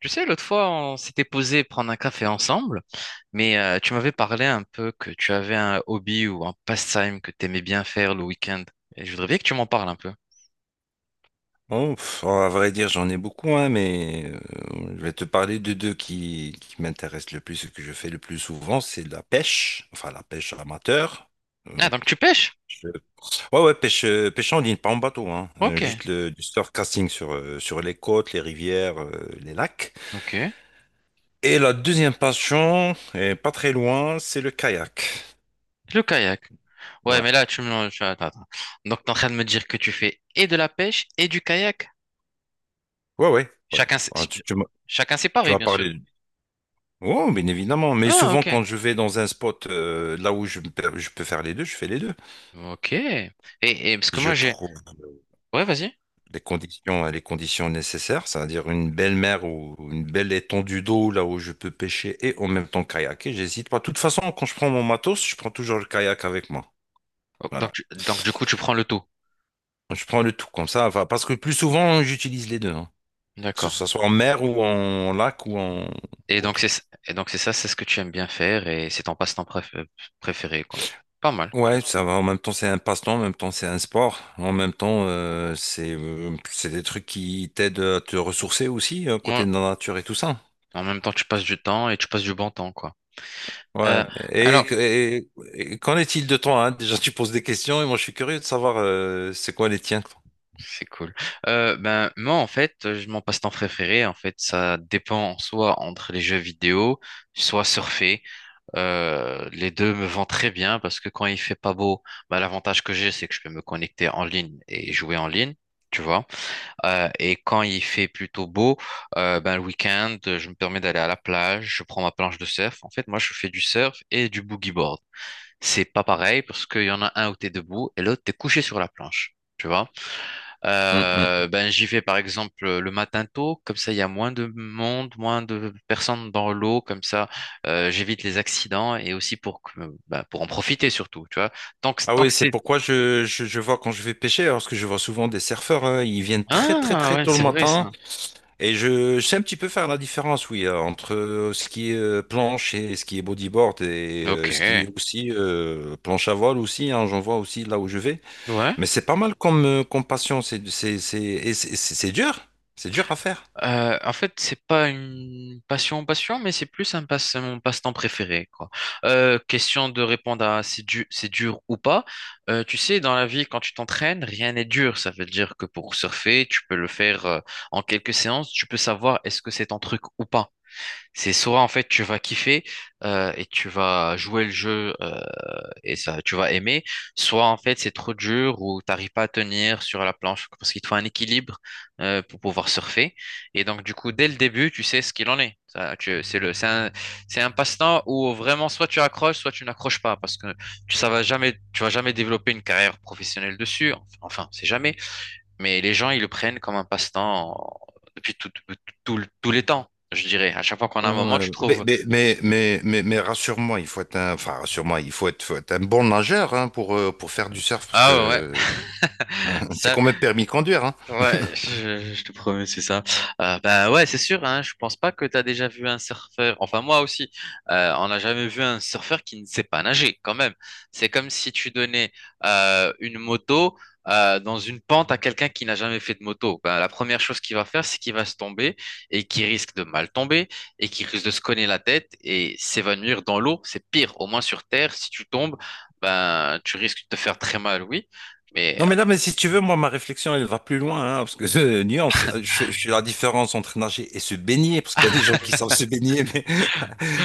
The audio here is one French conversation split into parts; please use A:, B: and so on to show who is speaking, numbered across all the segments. A: Tu sais, l'autre fois, on s'était posé prendre un café ensemble, mais tu m'avais parlé un peu que tu avais un hobby ou un pastime que tu aimais bien faire le week-end. Et je voudrais bien que tu m'en parles un peu.
B: Oh, pff, à vrai dire, j'en ai beaucoup, hein, mais je vais te parler de deux qui m'intéressent le plus et que je fais le plus souvent, c'est la pêche, enfin la pêche amateur. Euh,
A: Ah, donc tu pêches?
B: pêche- ouais, ouais, pêche, pêche en ligne, pas en bateau, hein,
A: Ok,
B: juste du surfcasting sur, sur les côtes, les rivières, les lacs.
A: ok.
B: Et la deuxième passion, et pas très loin, c'est le kayak.
A: Le kayak. Ouais,
B: Ouais,
A: mais là, Attends, attends. Donc, t'es en train de me dire que tu fais et de la pêche et du kayak.
B: ouais, ouais, ouais.
A: Chacun, sé-
B: Ah, tu, tu m'as
A: Chacun
B: tu
A: séparé,
B: m'as
A: bien sûr.
B: parlé. Oh, bien évidemment. Mais
A: Ah,
B: souvent,
A: ok.
B: quand je vais dans un spot là où je peux faire les deux, je fais les deux.
A: Ok. Et, parce que
B: Si je
A: moi, j'ai...
B: trouve
A: Ouais, vas-y.
B: les conditions nécessaires, c'est-à-dire une belle mer ou une belle étendue d'eau là où je peux pêcher et en même temps kayaker. J'hésite pas. De toute façon, quand je prends mon matos, je prends toujours le kayak avec moi.
A: Oh,
B: Voilà.
A: Donc, du coup, tu prends le tout.
B: Je prends le tout comme ça. Enfin, parce que plus souvent, j'utilise les deux, hein. Que
A: D'accord.
B: ce soit en mer ou en lac ou en
A: Et donc
B: autre.
A: c'est et donc c'est ça, c'est ce que tu aimes bien faire et c'est ton préféré, quoi. Pas mal.
B: Ouais, ça va. En même temps, c'est un passe-temps, en même temps, c'est un sport. En même temps, c'est des trucs qui t'aident à te ressourcer aussi,
A: Ouais.
B: côté de la nature et tout ça.
A: En même temps, tu passes du temps et tu passes du bon temps, quoi.
B: Ouais.
A: Ouais. Alors,
B: Et qu'en est-il de toi, hein? Déjà, tu poses des questions et moi, je suis curieux de savoir c'est quoi les tiens, quoi.
A: c'est cool. Ben moi, en fait, mon passe-temps préféré, en fait, ça dépend soit entre les jeux vidéo, soit surfer. Les deux me vont très bien parce que quand il fait pas beau, ben, l'avantage que j'ai, c'est que je peux me connecter en ligne et jouer en ligne. Tu vois. Et quand il fait plutôt beau, ben, le week-end, je me permets d'aller à la plage, je prends ma planche de surf. En fait, moi, je fais du surf et du boogie board. C'est pas pareil parce qu'il y en a un où t'es debout et l'autre, t'es couché sur la planche. Tu vois?
B: Hum,
A: Euh,
B: hum.
A: ben, j'y vais par exemple le matin tôt, comme ça il y a moins de monde, moins de personnes dans l'eau, comme ça j'évite les accidents et aussi pour, ben, pour en profiter surtout, tu vois. Tant que,
B: Ah
A: tant
B: oui,
A: que
B: c'est
A: c'est.
B: pourquoi je vois quand je vais pêcher, hein, parce que je vois souvent des surfeurs, hein, ils viennent très très
A: Ah
B: très
A: ouais,
B: tôt le
A: c'est vrai
B: matin.
A: ça.
B: Et je sais un petit peu faire la différence, oui, entre ce qui est planche et ce qui est bodyboard et
A: Ok.
B: ce qui est aussi planche à voile aussi, hein, j'en vois aussi là où je vais.
A: Ouais.
B: Mais c'est pas mal comme, comme passion, c'est dur, c'est dur à faire.
A: En fait, c'est pas une passion, mais c'est plus mon passe-temps préféré, quoi. Question de répondre à c'est dur ou pas. Tu sais, dans la vie, quand tu t'entraînes, rien n'est dur. Ça veut dire que pour surfer, tu peux le faire en quelques séances. Tu peux savoir est-ce que c'est ton truc ou pas. C'est soit en fait tu vas kiffer et tu vas jouer le jeu et ça tu vas aimer, soit en fait c'est trop dur ou t'arrives pas à tenir sur la planche parce qu'il te faut un équilibre pour pouvoir surfer. Et donc du coup dès le début tu sais ce qu'il en est. C'est c'est c'est un passe-temps où vraiment soit tu accroches, soit tu n'accroches pas parce que tu ça va jamais, tu vas jamais développer une carrière professionnelle dessus. Enfin, c'est jamais. Mais les gens, ils le prennent comme un passe-temps depuis tous les temps, je dirais. À chaque fois qu'on a un moment,
B: Ouais.
A: tu
B: Mais,
A: trouves,
B: mais, mais, mais, mais, mais rassure-moi, il faut être faut être un bon nageur hein, pour faire du surf parce
A: ah ouais, ouais,
B: que c'est
A: ça,
B: quand même permis de conduire, hein.
A: ouais, je te promets, c'est ça. Bah ouais, c'est sûr, hein, je pense pas que t'as déjà vu un surfeur, enfin moi aussi, on n'a jamais vu un surfeur qui ne sait pas nager quand même. C'est comme si tu donnais une moto dans une pente à quelqu'un qui n'a jamais fait de moto. Ben, la première chose qu'il va faire, c'est qu'il va se tomber et qui risque de mal tomber et qui risque de se cogner la tête et s'évanouir dans l'eau. C'est pire, au moins sur Terre, si tu tombes, ben, tu risques de te faire très mal, oui. Mais...
B: Non, mais là, mais si tu veux, moi, ma réflexion, elle va plus loin, hein, parce que nuance, je fais la différence entre nager et se baigner, parce qu'il y a des gens qui savent se baigner, mais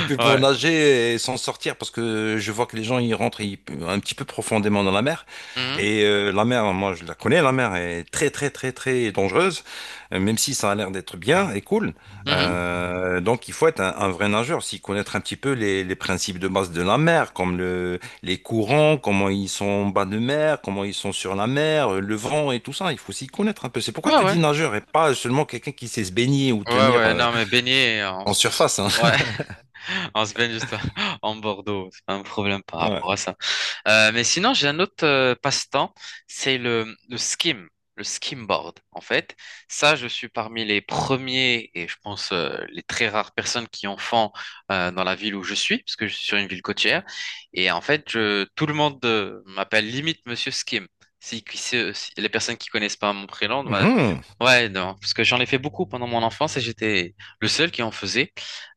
B: puis pour
A: Ouais.
B: nager et s'en sortir, parce que je vois que les gens ils rentrent ils- un petit peu profondément dans la mer.
A: Mhm,
B: Et la mer, moi je la connais, la mer est très très très très dangereuse, même si ça a l'air d'être bien et cool.
A: mhm.
B: Donc il faut être un vrai nageur, s'y connaître un petit peu les principes de base de la mer, comme les courants, comment ils sont en bas de mer, comment ils sont sur la mer, le vent et tout ça. Il faut s'y connaître un peu. C'est
A: Ouais,
B: pourquoi je te
A: ouais.
B: dis nageur et pas seulement quelqu'un qui sait se baigner ou
A: Ouais,
B: tenir
A: ouais, non, mais baigner, on
B: en
A: se,
B: surface, hein.
A: ouais, on se baigne juste en Bordeaux, c'est pas un problème par
B: Ouais.
A: rapport à ça. Mais sinon, j'ai un autre passe-temps, c'est le skim, le skimboard, en fait. Ça, je suis parmi les premiers et je pense les très rares personnes qui en font dans la ville où je suis, parce que je suis sur une ville côtière. Et en fait, tout le monde m'appelle limite Monsieur Skim. Si les personnes qui connaissent pas mon prénom, bah,
B: Mhm.
A: ouais, non, parce que j'en ai fait beaucoup pendant mon enfance et j'étais le seul qui en faisait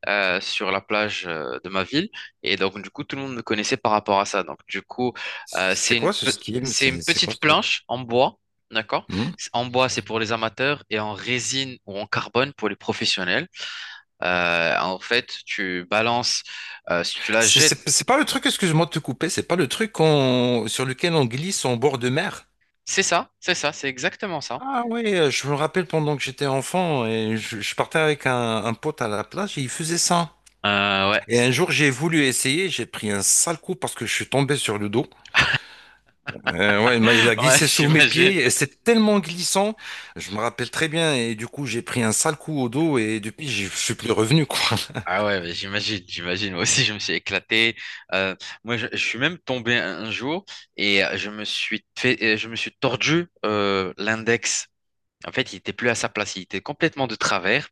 A: sur la plage de ma ville. Et donc, du coup, tout le monde me connaissait par rapport à ça. Donc, du coup, c'est
B: C'est quoi ce skim?
A: c'est une
B: C'est quoi
A: petite
B: ce truc?
A: planche en bois, d'accord?
B: Hmm.
A: En bois, c'est pour les amateurs et en résine ou en carbone pour les professionnels. En fait, tu balances, si tu la
B: C'est
A: jettes,
B: c'est- c'est pas le truc, excuse-moi de te couper, c'est pas sur lequel on glisse en bord de mer.
A: c'est ça, c'est ça, c'est exactement ça.
B: Ah oui, je me rappelle pendant que j'étais enfant et je partais avec un pote à la plage et il faisait ça.
A: Euh, ouais,
B: Et un jour j'ai voulu essayer, j'ai pris un sale coup parce que je suis tombé sur le dos. Ouais, il a
A: ouais,
B: glissé sous mes
A: j'imagine.
B: pieds et c'est tellement glissant, je me rappelle très bien et du coup j'ai pris un sale coup au dos et depuis je suis plus revenu quoi.
A: Ah ouais, mais j'imagine, j'imagine. Moi aussi, je me suis éclaté. Euh, moi, je suis même tombé un jour et je me suis je me suis tordu l'index. En fait, il était plus à sa place, il était complètement de travers.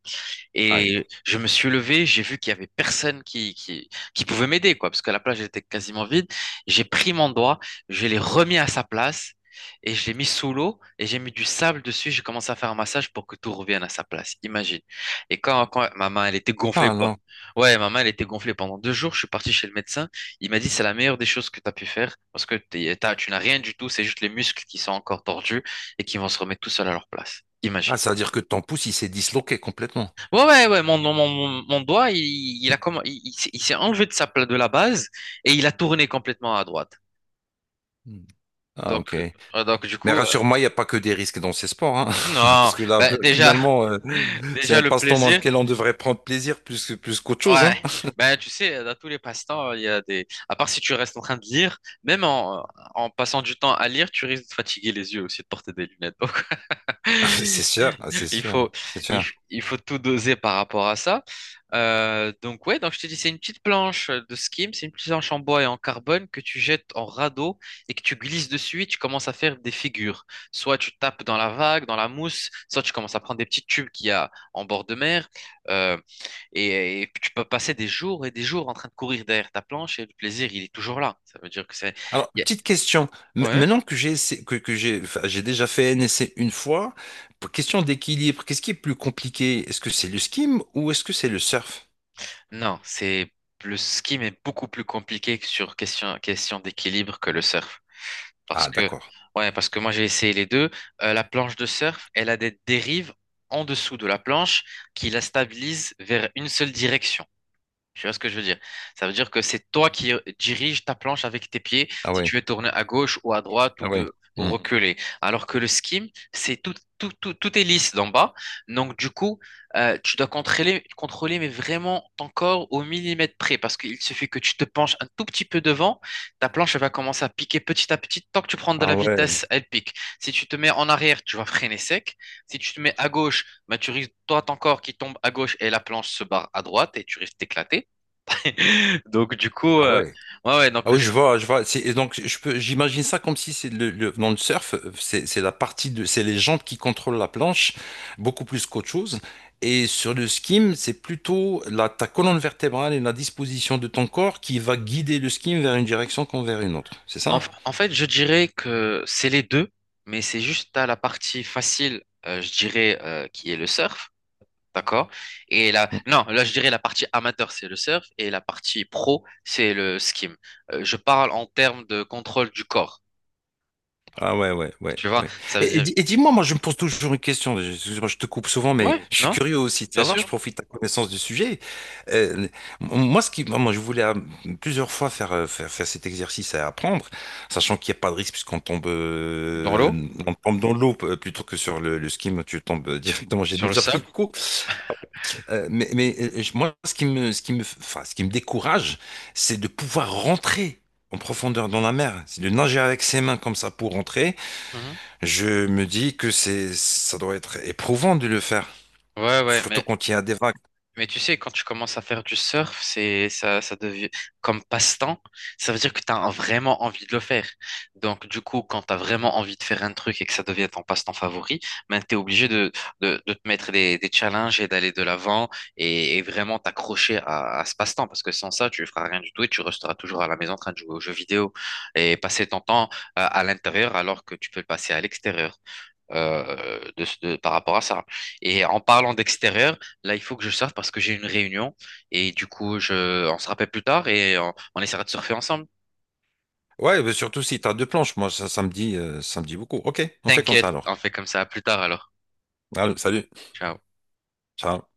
B: Aïe.
A: Et je me suis levé, j'ai vu qu'il y avait personne qui pouvait m'aider, quoi, parce que la plage était quasiment vide. J'ai pris mon doigt, je l'ai remis à sa place et je l'ai mis sous l'eau et j'ai mis du sable dessus. J'ai commencé à faire un massage pour que tout revienne à sa place. Imagine. Et quand ma main, elle était gonflée,
B: Ah
A: quoi.
B: non.
A: Ouais, ma main, elle était gonflée pendant deux jours. Je suis parti chez le médecin. Il m'a dit, c'est la meilleure des choses que tu as pu faire parce que tu n'as rien du tout. C'est juste les muscles qui sont encore tordus et qui vont se remettre tout seuls à leur place.
B: Ah,
A: Imagine.
B: ça veut dire que ton pouce, il s'est disloqué complètement.
A: Ouais, ouais, ouais, mon doigt, il a comme, il s'est enlevé de de la base et il a tourné complètement à droite.
B: Hmm. Ah,
A: Donc,
B: ok.
A: donc du
B: Mais
A: coup,
B: rassure-moi, il n'y a pas que des risques dans ces sports, hein.
A: non,
B: Parce que là,
A: ben, déjà,
B: finalement, c'est
A: déjà
B: un
A: le
B: passe-temps dans
A: plaisir.
B: lequel on devrait prendre plaisir plus que, plus qu'autre chose,
A: Ouais,
B: hein.
A: ben tu sais, dans tous les passe-temps, il y a des. À part si tu restes en train de lire, même en, en passant du temps à lire, tu risques de fatiguer les yeux aussi, de porter des lunettes. Donc,
B: C'est sûr, ah, c'est
A: Il
B: sûr,
A: faut,
B: c'est sûr.
A: il faut tout doser par rapport à ça. Donc ouais, donc je te dis, c'est une petite planche de skim, c'est une petite planche en bois et en carbone que tu jettes en radeau et que tu glisses dessus et tu commences à faire des figures. Soit tu tapes dans la vague, dans la mousse, soit tu commences à prendre des petits tubes qu'il y a en bord de mer. euh, et et, tu peux passer des jours et des jours en train de courir derrière ta planche et le plaisir, il est toujours là. Ça veut dire que c'est...
B: Alors,
A: il y a-
B: petite question. M-
A: Ouais.
B: Maintenant que j'ai essayé- que, que j'ai enfin, j'ai déjà fait un essai une fois, pour- question d'équilibre, qu'est-ce qui est plus compliqué? Est-ce que c'est le skim ou est-ce que c'est le surf?
A: Non, c'est le ski mais beaucoup plus compliqué que sur question d'équilibre que le surf. Parce
B: Ah,
A: que,
B: d'accord.
A: ouais, parce que moi j'ai essayé les deux. La planche de surf, elle a des dérives en dessous de la planche qui la stabilisent vers une seule direction. Tu vois ce que je veux dire? Ça veut dire que c'est toi qui dirige ta planche avec tes pieds,
B: Ah
A: si tu
B: ouais,
A: veux tourner à gauche ou à droite
B: ah ouais.
A: ou
B: Hmm.
A: reculer. Alors que le skim, c'est tout est lisse d'en bas. Donc, du coup, tu dois contrôler, mais vraiment ton corps au millimètre près. Parce qu'il suffit que tu te penches un tout petit peu devant, ta planche elle va commencer à piquer petit à petit. Tant que tu prends de la
B: Ah ouais,
A: vitesse, elle pique. Si tu te mets en arrière, tu vas freiner sec. Si tu te mets à gauche, bah, tu risques, toi, ton corps qui tombe à gauche et la planche se barre à droite et tu risques d'éclater. Donc, du coup,
B: ah ouais.
A: ouais, ouais,
B: Ah oui, je vois, je vois. C'est- et donc, je peux, j'imagine ça comme si c'est dans le surf, c'est la partie de, c'est les jambes qui contrôlent la planche, beaucoup plus qu'autre chose. Et sur le skim, c'est plutôt ta colonne vertébrale et la disposition de ton corps qui va guider le skim vers une direction comme vers une autre. C'est
A: en,
B: ça?
A: en fait, je dirais que c'est les deux, mais c'est juste à la partie facile, je dirais, qui est le surf, d'accord? Et là, non, là, je dirais la partie amateur, c'est le surf, et la partie pro, c'est le skim. Je parle en termes de contrôle du corps,
B: Ah ouais, ouais, ouais,
A: tu vois?
B: ouais.
A: Ça veut
B: Et, et
A: dire,
B: di- et dis-moi, moi je me pose toujours une question, excuse-moi, je te coupe souvent, mais
A: ouais,
B: je suis
A: non,
B: curieux aussi de
A: bien
B: savoir, je
A: sûr,
B: profite de ta connaissance du sujet. Euh, Moi, moi, je voulais plusieurs fois faire, faire cet exercice à apprendre, sachant qu'il n'y a pas de risque puisqu'on tombe,
A: dans l'eau,
B: on tombe dans l'eau plutôt que sur le ski, tu tombes directement, j'ai
A: sur le
B: déjà pris
A: sable.
B: le coup. Moi, ce qui me, enfin, ce qui me décourage, c'est de pouvoir rentrer en profondeur dans la mer, c'est de nager avec ses mains comme ça pour rentrer,
A: Mhm.
B: je me dis que c'est, ça doit être éprouvant de le faire,
A: Ouais, ouais,
B: surtout
A: mais
B: quand il y a des vagues.
A: Mais tu sais, quand tu commences à faire du surf, c'est ça, ça devient comme passe-temps, ça veut dire que tu as vraiment envie de le faire. Donc, du coup, quand tu as vraiment envie de faire un truc et que ça devient ton passe-temps favori, ben, tu es obligé de te mettre des challenges et d'aller de l'avant et vraiment t'accrocher à ce passe-temps parce que sans ça, tu feras rien du tout et tu resteras toujours à la maison en train de jouer aux jeux vidéo et passer ton temps à l'intérieur alors que tu peux le passer à l'extérieur par rapport à ça. Et en parlant d'extérieur, là, il faut que je sorte parce que j'ai une réunion et du coup, on se rappelle plus tard et on essaiera de surfer ensemble.
B: Ouais, mais surtout si tu as deux planches, moi ça, ça me dit beaucoup. Ok, on fait comme ça
A: T'inquiète,
B: alors.
A: on fait comme ça. À plus tard alors.
B: Allez, salut.
A: Ciao.
B: Ciao.